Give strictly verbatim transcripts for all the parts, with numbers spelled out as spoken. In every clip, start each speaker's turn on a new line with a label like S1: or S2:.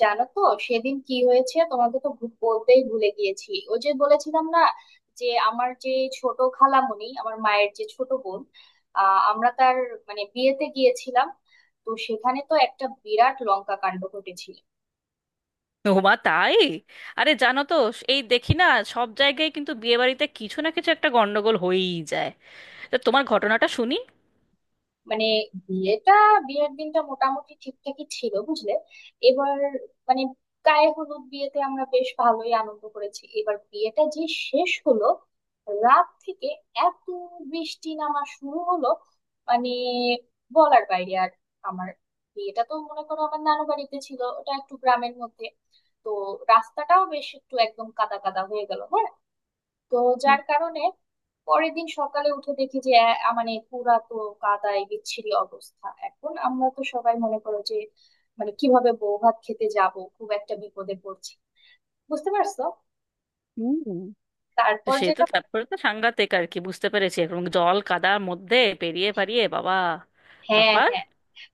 S1: জানো তো, সেদিন কি হয়েছে তোমাকে তো ভু- বলতেই ভুলে গিয়েছি। ওই যে বলেছিলাম না যে আমার যে ছোট খালামণি, আমার মায়ের যে ছোট বোন, আহ আমরা তার মানে বিয়েতে গিয়েছিলাম। তো সেখানে তো একটা বিরাট লঙ্কা কাণ্ড ঘটেছিল।
S2: ওমা, তাই? আরে, জানো তো, এই দেখি না, সব জায়গায় কিন্তু বিয়ে বাড়িতে কিছু না কিছু একটা গন্ডগোল হয়েই যায়। তা তোমার ঘটনাটা শুনি।
S1: মানে বিয়েটা বিয়ের দিনটা মোটামুটি ঠিকঠাকই ছিল বুঝলে। এবার মানে গায়ে হলুদ বিয়েতে আমরা বেশ ভালোই আনন্দ করেছি। এবার বিয়েটা যে শেষ হলো, রাত থেকে এত বৃষ্টি নামা শুরু হলো, মানে বলার বাইরে। আর আমার বিয়েটা তো মনে করো আমার নানু বাড়িতে ছিল, ওটা একটু গ্রামের মধ্যে। তো রাস্তাটাও বেশ একটু একদম কাদা কাদা হয়ে গেল, হ্যাঁ? তো যার কারণে পরের দিন সকালে উঠে দেখি যে আহ, মানে পুরা তো কাদায় বিচ্ছিরি অবস্থা। এখন আমরা তো সবাই মনে করো যে মানে কিভাবে বউ ভাত খেতে যাব, খুব একটা বিপদে পড়ছি, বুঝতে পারছো।
S2: হুম। তো
S1: তারপর
S2: সে তো
S1: যেটা,
S2: তারপরে তো সাংঘাতিক আর কি, বুঝতে পেরেছি। এবং জল কাদার মধ্যে পেরিয়ে পারিয়ে, বাবা!
S1: হ্যাঁ
S2: তারপর?
S1: হ্যাঁ,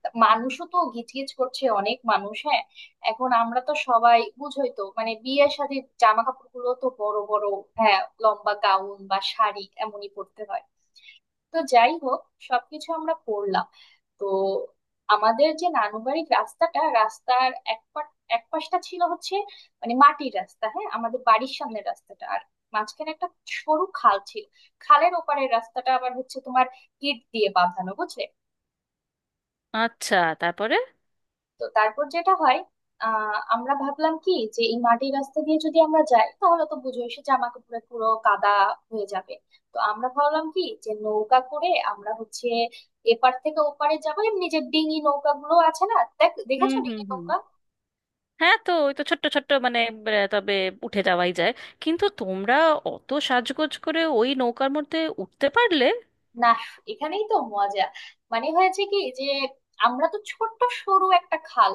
S1: তা মানুষও তো গিজগিজ করছে, অনেক মানুষ, হ্যাঁ। এখন আমরা তো সবাই বুঝোই তো, মানে বিয়ের সাথে জামা কাপড় গুলো তো বড় বড়, হ্যাঁ, লম্বা গাউন বা শাড়ি এমনই পরতে হয়। তো যাই হোক, সবকিছু আমরা করলাম। তো আমাদের যে নানুবাড়ির রাস্তাটা, রাস্তার এক পা- এক পাশটা ছিল হচ্ছে মানে মাটির রাস্তা, হ্যাঁ, আমাদের বাড়ির সামনের রাস্তাটা, আর মাঝখানে একটা সরু খাল ছিল। খালের ওপারের রাস্তাটা আবার হচ্ছে তোমার ইট দিয়ে বাঁধানো, বুঝলে।
S2: আচ্ছা। তারপরে?
S1: তো তারপর যেটা হয়, আহ আমরা ভাবলাম কি যে এই মাটির রাস্তা দিয়ে যদি আমরা যাই তাহলে তো বুঝোই সে জামা কাপড়ে পুরো কাদা হয়ে যাবে। তো আমরা ভাবলাম কি যে নৌকা করে আমরা হচ্ছে এপার থেকে ওপারে যাবো। এমনি যে ডিঙি নৌকা গুলো আছে না, দেখ
S2: হুম
S1: দেখেছো
S2: হুম
S1: ডিঙি
S2: হুম।
S1: নৌকা?
S2: হ্যাঁ, তো ওই তো ছোট্ট ছোট্ট মানে আহ, তবে উঠে যাওয়াই যায়। কিন্তু তোমরা অত সাজগোজ করে ওই নৌকার মধ্যে উঠতে পারলে?
S1: না, এখানেই তো মজা। মানে হয়েছে কি যে আমরা তো ছোট্ট সরু একটা খাল,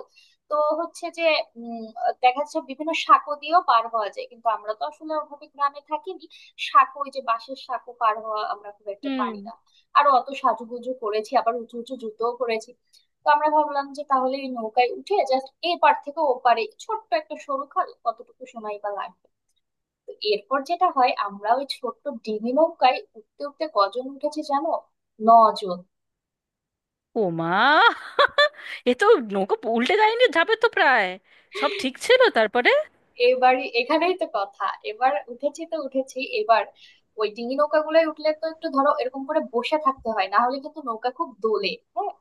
S1: তো হচ্ছে যে উম, দেখা যাচ্ছে বিভিন্ন সাঁকো দিয়েও পার হওয়া যায়, কিন্তু আমরা তো আসলে ওভাবে গ্রামে থাকিনি। সাঁকো, ওই যে বাঁশের সাঁকো পার হওয়া আমরা খুব একটা
S2: হুম।
S1: পারি না। আর অত সাজুগুজু করেছি, আবার উঁচু উঁচু জুতোও করেছি। তো আমরা ভাবলাম যে তাহলে এই নৌকায় উঠে জাস্ট এ পার থেকে ও পারে, ছোট্ট একটা সরু খাল কতটুকু সময় বা লাগবে। তো এরপর যেটা হয়, আমরা ওই ছোট্ট ডিঙি নৌকায় উঠতে উঠতে কজন উঠেছি জানো? নজন।
S2: ও মা! এ তো! নৌকা উল্টে যায়নি? যাবে তো প্রায়। সব ঠিক ছিল তারপরে?
S1: এবারই এখানেই তো কথা। এবার উঠেছি তো উঠেছি। এবার ওই ডিঙি নৌকা গুলোয় উঠলে তো একটু ধরো এরকম করে বসে থাকতে হয়, না হলে কিন্তু নৌকা খুব দোলে, হ্যাঁ।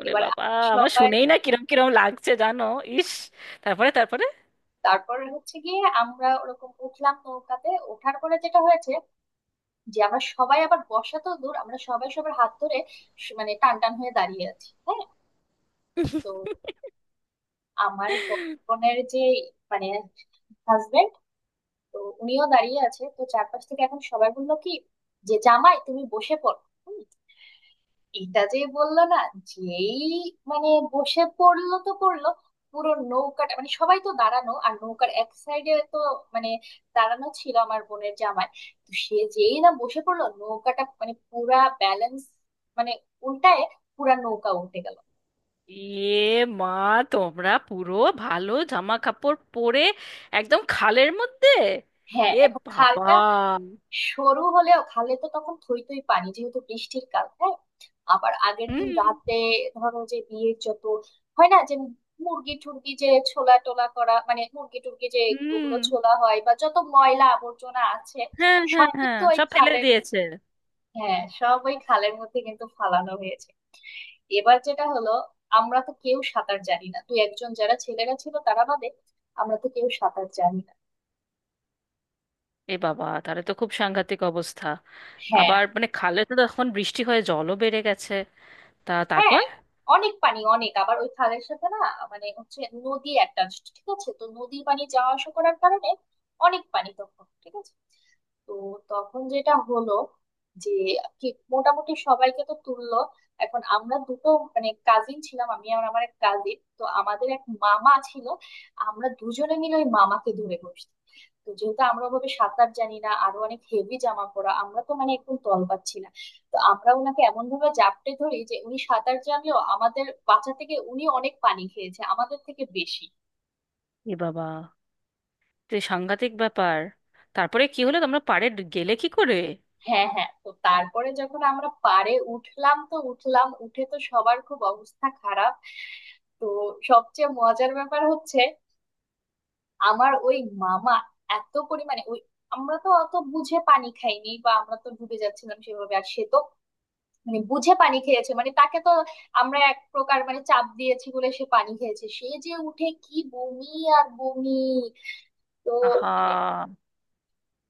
S2: ওরে
S1: এবার
S2: বাবা! আমার
S1: সবাই,
S2: শুনেই না কিরম কিরম লাগছে, জানো। ইস! তারপরে তারপরে
S1: তারপর হচ্ছে গিয়ে আমরা ওরকম উঠলাম। নৌকাতে ওঠার পরে যেটা হয়েছে যে আমরা সবাই, আবার বসা তো দূর, আমরা সবাই সবার হাত ধরে স- মানে টান টান হয়ে দাঁড়িয়ে আছি, হ্যাঁ। তো আমার বড় বোনের যে মানে হাজবেন্ড, তো উনিও দাঁড়িয়ে আছে। তো চারপাশ থেকে এখন সবাই বললো কি যে জামাই তুমি বসে পড়ো। হুম, এটা যে বললো না, যেই মানে বসে পড়লো তো পড়লো, পুরো নৌকাটা, মানে সবাই তো দাঁড়ানো আর নৌকার এক সাইডে তো মানে দাঁড়ানো ছিল আমার বোনের জামাই। তো সে যেই না বসে পড়লো, নৌকাটা মানে পুরা ব্যালেন্স মানে উল্টায়, পুরা নৌকা উল্টে গেল।
S2: এ মা! তোমরা পুরো ভালো জামা কাপড় পরে একদম খালের মধ্যে!
S1: হ্যাঁ,
S2: এ
S1: এখন
S2: বাবা!
S1: খালটা সরু হলেও খালে তো তখন থই থই পানি, যেহেতু বৃষ্টির কাল, হ্যাঁ, আবার আগের দিন
S2: হুম।
S1: রাতে ধরো যে বিয়ের যত হয় না যে মুরগি টুরগি যে ছোলা টোলা করা, মানে মুরগি টুরগি যে ওগুলো
S2: হুম।
S1: ছোলা হয় বা যত ময়লা আবর্জনা আছে
S2: হ্যাঁ হ্যাঁ
S1: সব
S2: হ্যাঁ,
S1: কিন্তু ওই
S2: সব ফেলে
S1: খালের,
S2: দিয়েছে।
S1: হ্যাঁ, সব ওই খালের মধ্যে কিন্তু ফালানো হয়েছে। এবার যেটা হলো, আমরা তো কেউ সাঁতার জানি না, দু একজন যারা ছেলেরা ছিল তারা বাদে। আমরা তো কেউ সাঁতার জানি না
S2: এ বাবা, তাহলে তো খুব সাংঘাতিক অবস্থা।
S1: হ্যাঁ
S2: আবার মানে খালে তো এখন বৃষ্টি হয়ে জলও বেড়ে গেছে। তা
S1: হ্যাঁ,
S2: তারপর?
S1: অনেক পানি, অনেক, আবার ওই খালের সাথে না মানে হচ্ছে নদী অ্যাটাচড, ঠিক আছে, তো নদীর পানি যাওয়া আসা করার কারণে অনেক পানি তখন, ঠিক আছে। তো তখন যেটা হলো যে কি, মোটামুটি সবাইকে তো তুললো। এখন আমরা দুটো মানে কাজিন ছিলাম, আমি আর আমার এক কাজিন, তো আমাদের এক মামা ছিল। আমরা দুজনে মিলে ওই মামাকে ধরে বসছি। তো যেহেতু আমরা ওভাবে সাঁতার জানি না, আরো অনেক হেভি জামা পরা, আমরা তো মানে একদম তল পাচ্ছি না। তো আমরা ওনাকে এমন ভাবে জাপটে ধরি যে উনি সাঁতার জানলেও আমাদের বাঁচা থেকে উনি অনেক পানি খেয়েছে, আমাদের থেকে বেশি।
S2: এ বাবা, তো এ সাংঘাতিক ব্যাপার। তারপরে কি হলো? তোমরা পাড়ে ড- গেলে কি করে?
S1: হ্যাঁ হ্যাঁ, তো তারপরে যখন আমরা পাড়ে উঠলাম তো উঠলাম, উঠে তো সবার খুব অবস্থা খারাপ। তো সবচেয়ে মজার ব্যাপার হচ্ছে, আমার ওই মামা এত পরিমাণে ওই, আমরা তো অত বুঝে পানি খাইনি বা আমরা তো ডুবে যাচ্ছিলাম সেভাবে, আর সে তো মানে বুঝে পানি খেয়েছে। মানে তাকে তো আমরা এক প্রকার মানে চাপ দিয়েছি বলে সে পানি খেয়েছে, সে যে উঠে কি বমি আর বমি। তো
S2: আহা!
S1: মানে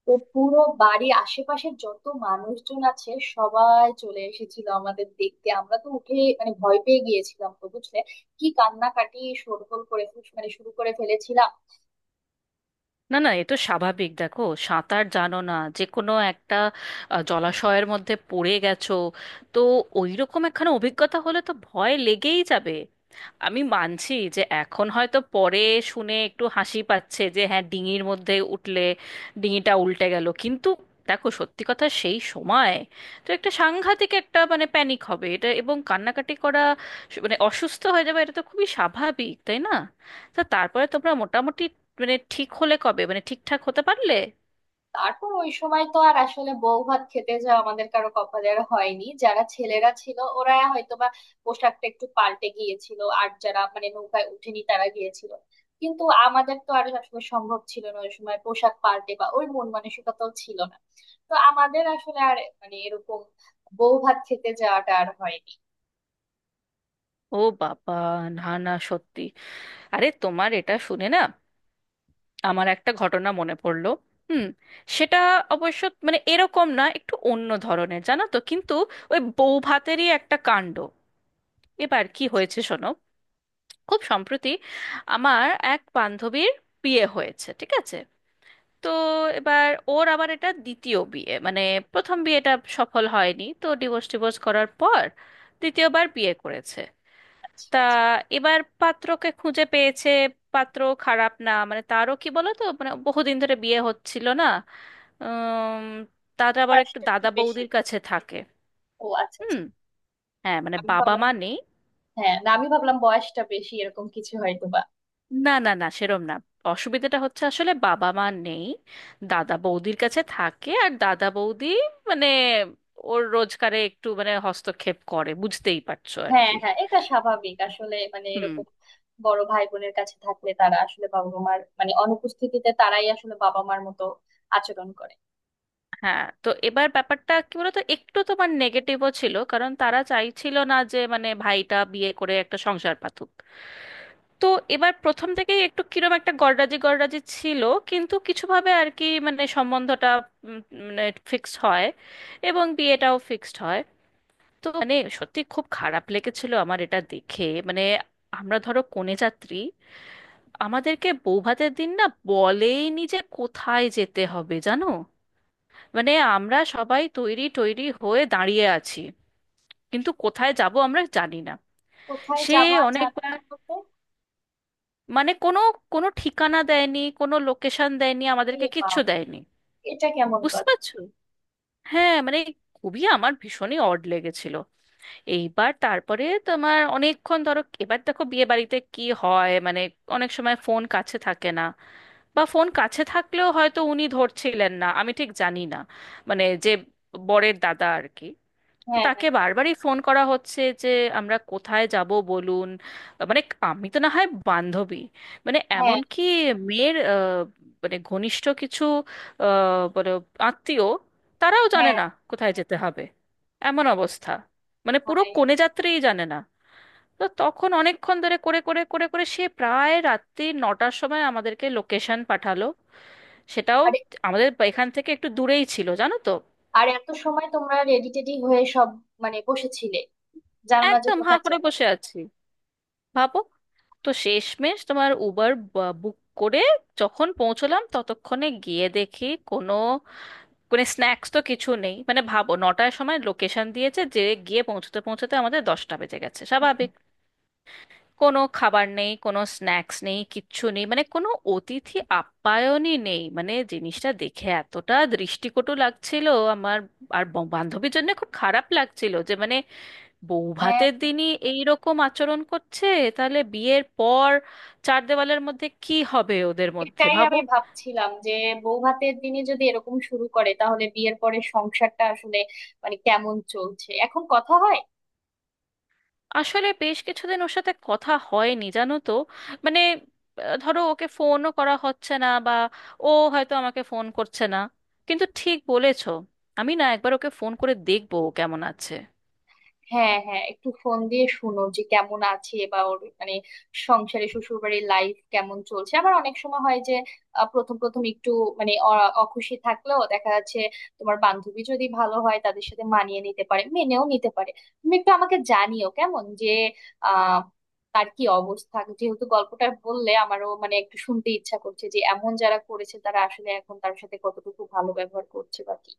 S1: তো পুরো বাড়ি আশেপাশে যত মানুষজন আছে সবাই চলে এসেছিল আমাদের দেখতে। আমরা তো উঠে মানে ভয় পেয়ে গিয়েছিলাম তো, বুঝলে, কি কান্নাকাটি, শোরগোল করে ফেল- মানে শুরু করে ফেলেছিলাম।
S2: না না, এ তো স্বাভাবিক। দেখো, সাঁতার জানো না, যে কোনো একটা আহ, জলাশয়ের মধ্যে পড়ে গেছো, তো ওইরকম একখানা অভিজ্ঞতা হলে তো ভয় লেগেই যাবে। আমি মানছি যে এখন হয়তো পরে শুনে একটু হাসি পাচ্ছে, যে হ্যাঁ, ডিঙির মধ্যে উঠলে ডিঙিটা উল্টে গেল, কিন্তু দেখো, সত্যি কথা সেই সময় তো একটা সাংঘাতিক, একটা মানে প্যানিক হবে এটা, এবং কান্নাকাটি করা, স- মানে অসুস্থ হয়ে যাবে, এটা তো খুবই স্বাভাবিক, তাই না? তা তারপরে তোমরা মোটামুটি মানে ঠিক হলে কবে, মানে ঠিকঠাক হতে পারলে?
S1: তারপর ওই সময় তো আর আসলে বউ ভাত খেতে যাওয়া আমাদের কারো কপালের হয়নি। যারা ছেলেরা ছিল ওরা হয়তোবা পোশাকটা একটু পাল্টে গিয়েছিল, আর যারা মানে নৌকায় উঠেনি তারা গিয়েছিল, কিন্তু আমাদের তো আর আসলে সম্ভব ছিল না ওই সময় পোশাক পাল্টে, বা ওই মন মানসিকতাও ছিল না। তো আমাদের আসলে আর মানে এরকম বউ ভাত খেতে যাওয়াটা আর হয়নি।
S2: ও বাবা! না না, সত্যি! আরে, তোমার এটা শুনে না আমার একটা ঘটনা মনে পড়লো। হুম। সেটা অবশ্য মানে এরকম না, একটু অন্য ধরনের, জানো তো, কিন্তু ওই বউ ভাতেরই একটা কাণ্ড। এবার কি হয়েছে শোনো। খুব সম্প্রতি আমার এক বান্ধবীর বিয়ে হয়েছে, ঠিক আছে? তো এবার ওর আবার এটা দ্বিতীয় বিয়ে, মানে প্রথম বিয়েটা সফল হয়নি, তো ডিভোর্স ডিভোর্স করার পর দ্বিতীয়বার বিয়ে করেছে।
S1: আচ্ছা
S2: তা
S1: আচ্ছা,
S2: এবার পাত্রকে খুঁজে পেয়েছে। পাত্র খারাপ না, মানে তারও কি বলো তো, মানে বহুদিন ধরে বিয়ে হচ্ছিল না। উম, তার আবার একটু
S1: বয়সটা একটু
S2: দাদা
S1: বেশি।
S2: বৌদির কাছে থাকে।
S1: ও আচ্ছা আচ্ছা,
S2: হুম। হ্যাঁ, মানে
S1: আমি
S2: বাবা
S1: ভাবলাম,
S2: মা নেই।
S1: হ্যাঁ না, আমি ভাবলাম বয়সটা বেশি এরকম কিছু হয়তো।
S2: না না না, সেরম না, অসুবিধাটা হচ্ছে আসলে বাবা মা নেই, দাদা বৌদির কাছে থাকে, আর দাদা বৌদি মানে ওর রোজগারে একটু মানে হস্তক্ষেপ করে, বুঝতেই পারছো আর
S1: হ্যাঁ
S2: কি।
S1: হ্যাঁ, এটা স্বাভাবিক আসলে। মানে
S2: হুম।
S1: এরকম বড় ভাই বোনের কাছে থাকলে তারা আসলে বাবা মার মানে অনুপস্থিতিতে তারাই আসলে বাবা মার মতো আচরণ করে।
S2: হ্যাঁ, তো এবার ব্যাপারটা কি বলতো, একটু তোমার নেগেটিভও ছিল, কারণ তারা চাইছিল না যে মানে ভাইটা বিয়ে করে একটা সংসার পাতুক। তো এবার প্রথম থেকেই একটু কিরম একটা গড়রাজি গড়রাজি ছিল, কিন্তু কিছুভাবে আর কি মানে সম্বন্ধটা উম, মানে ফিক্সড হয়, এবং বিয়েটাও ফিক্সড হয়। তো মানে সত্যি খুব খারাপ লেগেছিল আমার এটা দেখে। মানে আমরা ধরো কনে যাত্রী, আমাদেরকে বৌভাতের দিন না বলেইনি যে কোথায় যেতে হবে, জানো। মানে আমরা সবাই তৈরি তৈরি হয়ে দাঁড়িয়ে আছি, কিন্তু কোথায় যাব আমরা জানি না।
S1: কোথায়
S2: সে
S1: যাওয়া জানা
S2: অনেকবার,
S1: না হতে?
S2: মানে কোনো, কোনো ঠিকানা দেয়নি, কোনো লোকেশন দেয়নি,
S1: এ
S2: আমাদেরকে
S1: বাবা,
S2: কিচ্ছু দেয়নি।
S1: এটা কেমন
S2: বুঝতে
S1: কথা।
S2: পারছো? হ্যাঁ, মানে খুবই আমার ভীষণই অড লেগেছিল। এইবার তারপরে তোমার অনেকক্ষণ, ধরো এবার দেখো বিয়ে বাড়িতে কি হয়, মানে অনেক সময় ফোন কাছে থাকে না, বা ফোন কাছে থাকলেও হয়তো উনি ধরছিলেন না, আমি ঠিক জানি না। মানে যে বরের দাদা আর কি। তো
S1: হ্যাঁ
S2: তাকে
S1: হ্যাঁ
S2: বারবারই ফোন করা হচ্ছে যে আমরা কোথায় যাব বলুন। মানে আমি তো না হয় বান্ধবী, মানে
S1: হ্যাঁ।
S2: এমনকি মেয়ের আহ, মানে ঘনিষ্ঠ কিছু, আহ, বলো, আত্মীয়, তারাও জানে
S1: হ্যাঁ
S2: না কোথায় যেতে হবে। এমন অবস্থা, মানে পুরো
S1: ভাই।
S2: কনে যাত্রীই জানে না। তো তখন অনেকক্ষণ ধরে করে করে করে করে সে প্রায় রাত্রি নটার সময় আমাদেরকে লোকেশন পাঠালো। সেটাও
S1: আরে,
S2: আমাদের এখান থেকে একটু দূরেই ছিল, জানো তো।
S1: আর এত সময় তোমরা রেডি টেডি হয়ে সব মানে বসেছিলে, জানো না যে
S2: একদম হাঁ
S1: কোথায়
S2: করে
S1: যাবে?
S2: বসে আছি, ভাবো। তো শেষমেশ তোমার উবার বুক করে যখন পৌঁছলাম, ততক্ষণে গিয়ে দেখি কোনো, কোনো স্ন্যাক্স তো কিছু নেই। মানে ভাবো, নটার সময় লোকেশন দিয়েছে, যে গিয়ে পৌঁছতে পৌঁছতে আমাদের দশটা বেজে গেছে
S1: হ্যাঁ
S2: স্বাভাবিক। কোনো খাবার নেই, কোনো স্ন্যাক্স নেই, কিচ্ছু নেই, মানে কোনো অতিথি আপ্যায়নই নেই। মানে জিনিসটা দেখে এতটা দৃষ্টিকটু লাগছিল আমার। আর ব- বান্ধবীর জন্য খুব খারাপ লাগছিল যে মানে
S1: হ্যাঁ,
S2: বৌভাতের দিনই এই রকম আচরণ করছে, তাহলে বিয়ের পর চার দেওয়ালের মধ্যে কি হবে ওদের মধ্যে,
S1: এটাই
S2: ভাবো।
S1: আমি ভাবছিলাম যে বউ ভাতের দিনে যদি এরকম শুরু করে তাহলে বিয়ের পরে সংসারটা আসলে মানে কেমন চলছে এখন কথা হয়?
S2: আসলে বেশ কিছুদিন ওর সাথে কথা হয়নি, জানো তো। মানে আহ, ধরো ওকে ফোনও করা হচ্ছে না, বা ও হয়তো আমাকে ফোন করছে না। কিন্তু ঠিক বলেছো, আমি না একবার ওকে ফোন করে দেখবো ও কেমন আছে।
S1: হ্যাঁ হ্যাঁ, একটু ফোন দিয়ে শুনো যে কেমন আছে, বা ওর মানে সংসারে শ্বশুর বাড়ির লাইফ কেমন চলছে। আবার অনেক সময় হয় যে আহ, প্রথম প্রথম একটু মানে অ- অখুশি থাকলেও, দেখা যাচ্ছে তোমার বান্ধবী যদি ভালো হয় তাদের সাথে মানিয়ে নিতে পারে, মেনেও নিতে পারে। তুমি একটু আমাকে জানিও কেমন যে আহ তার কি অবস্থা, যেহেতু গল্পটা বললে আমারও মানে একটু শুনতে ইচ্ছা করছে যে এমন যারা করেছে তারা আসলে এখন তার সাথে কতটুকু ভালো ব্যবহার করছে বা কি।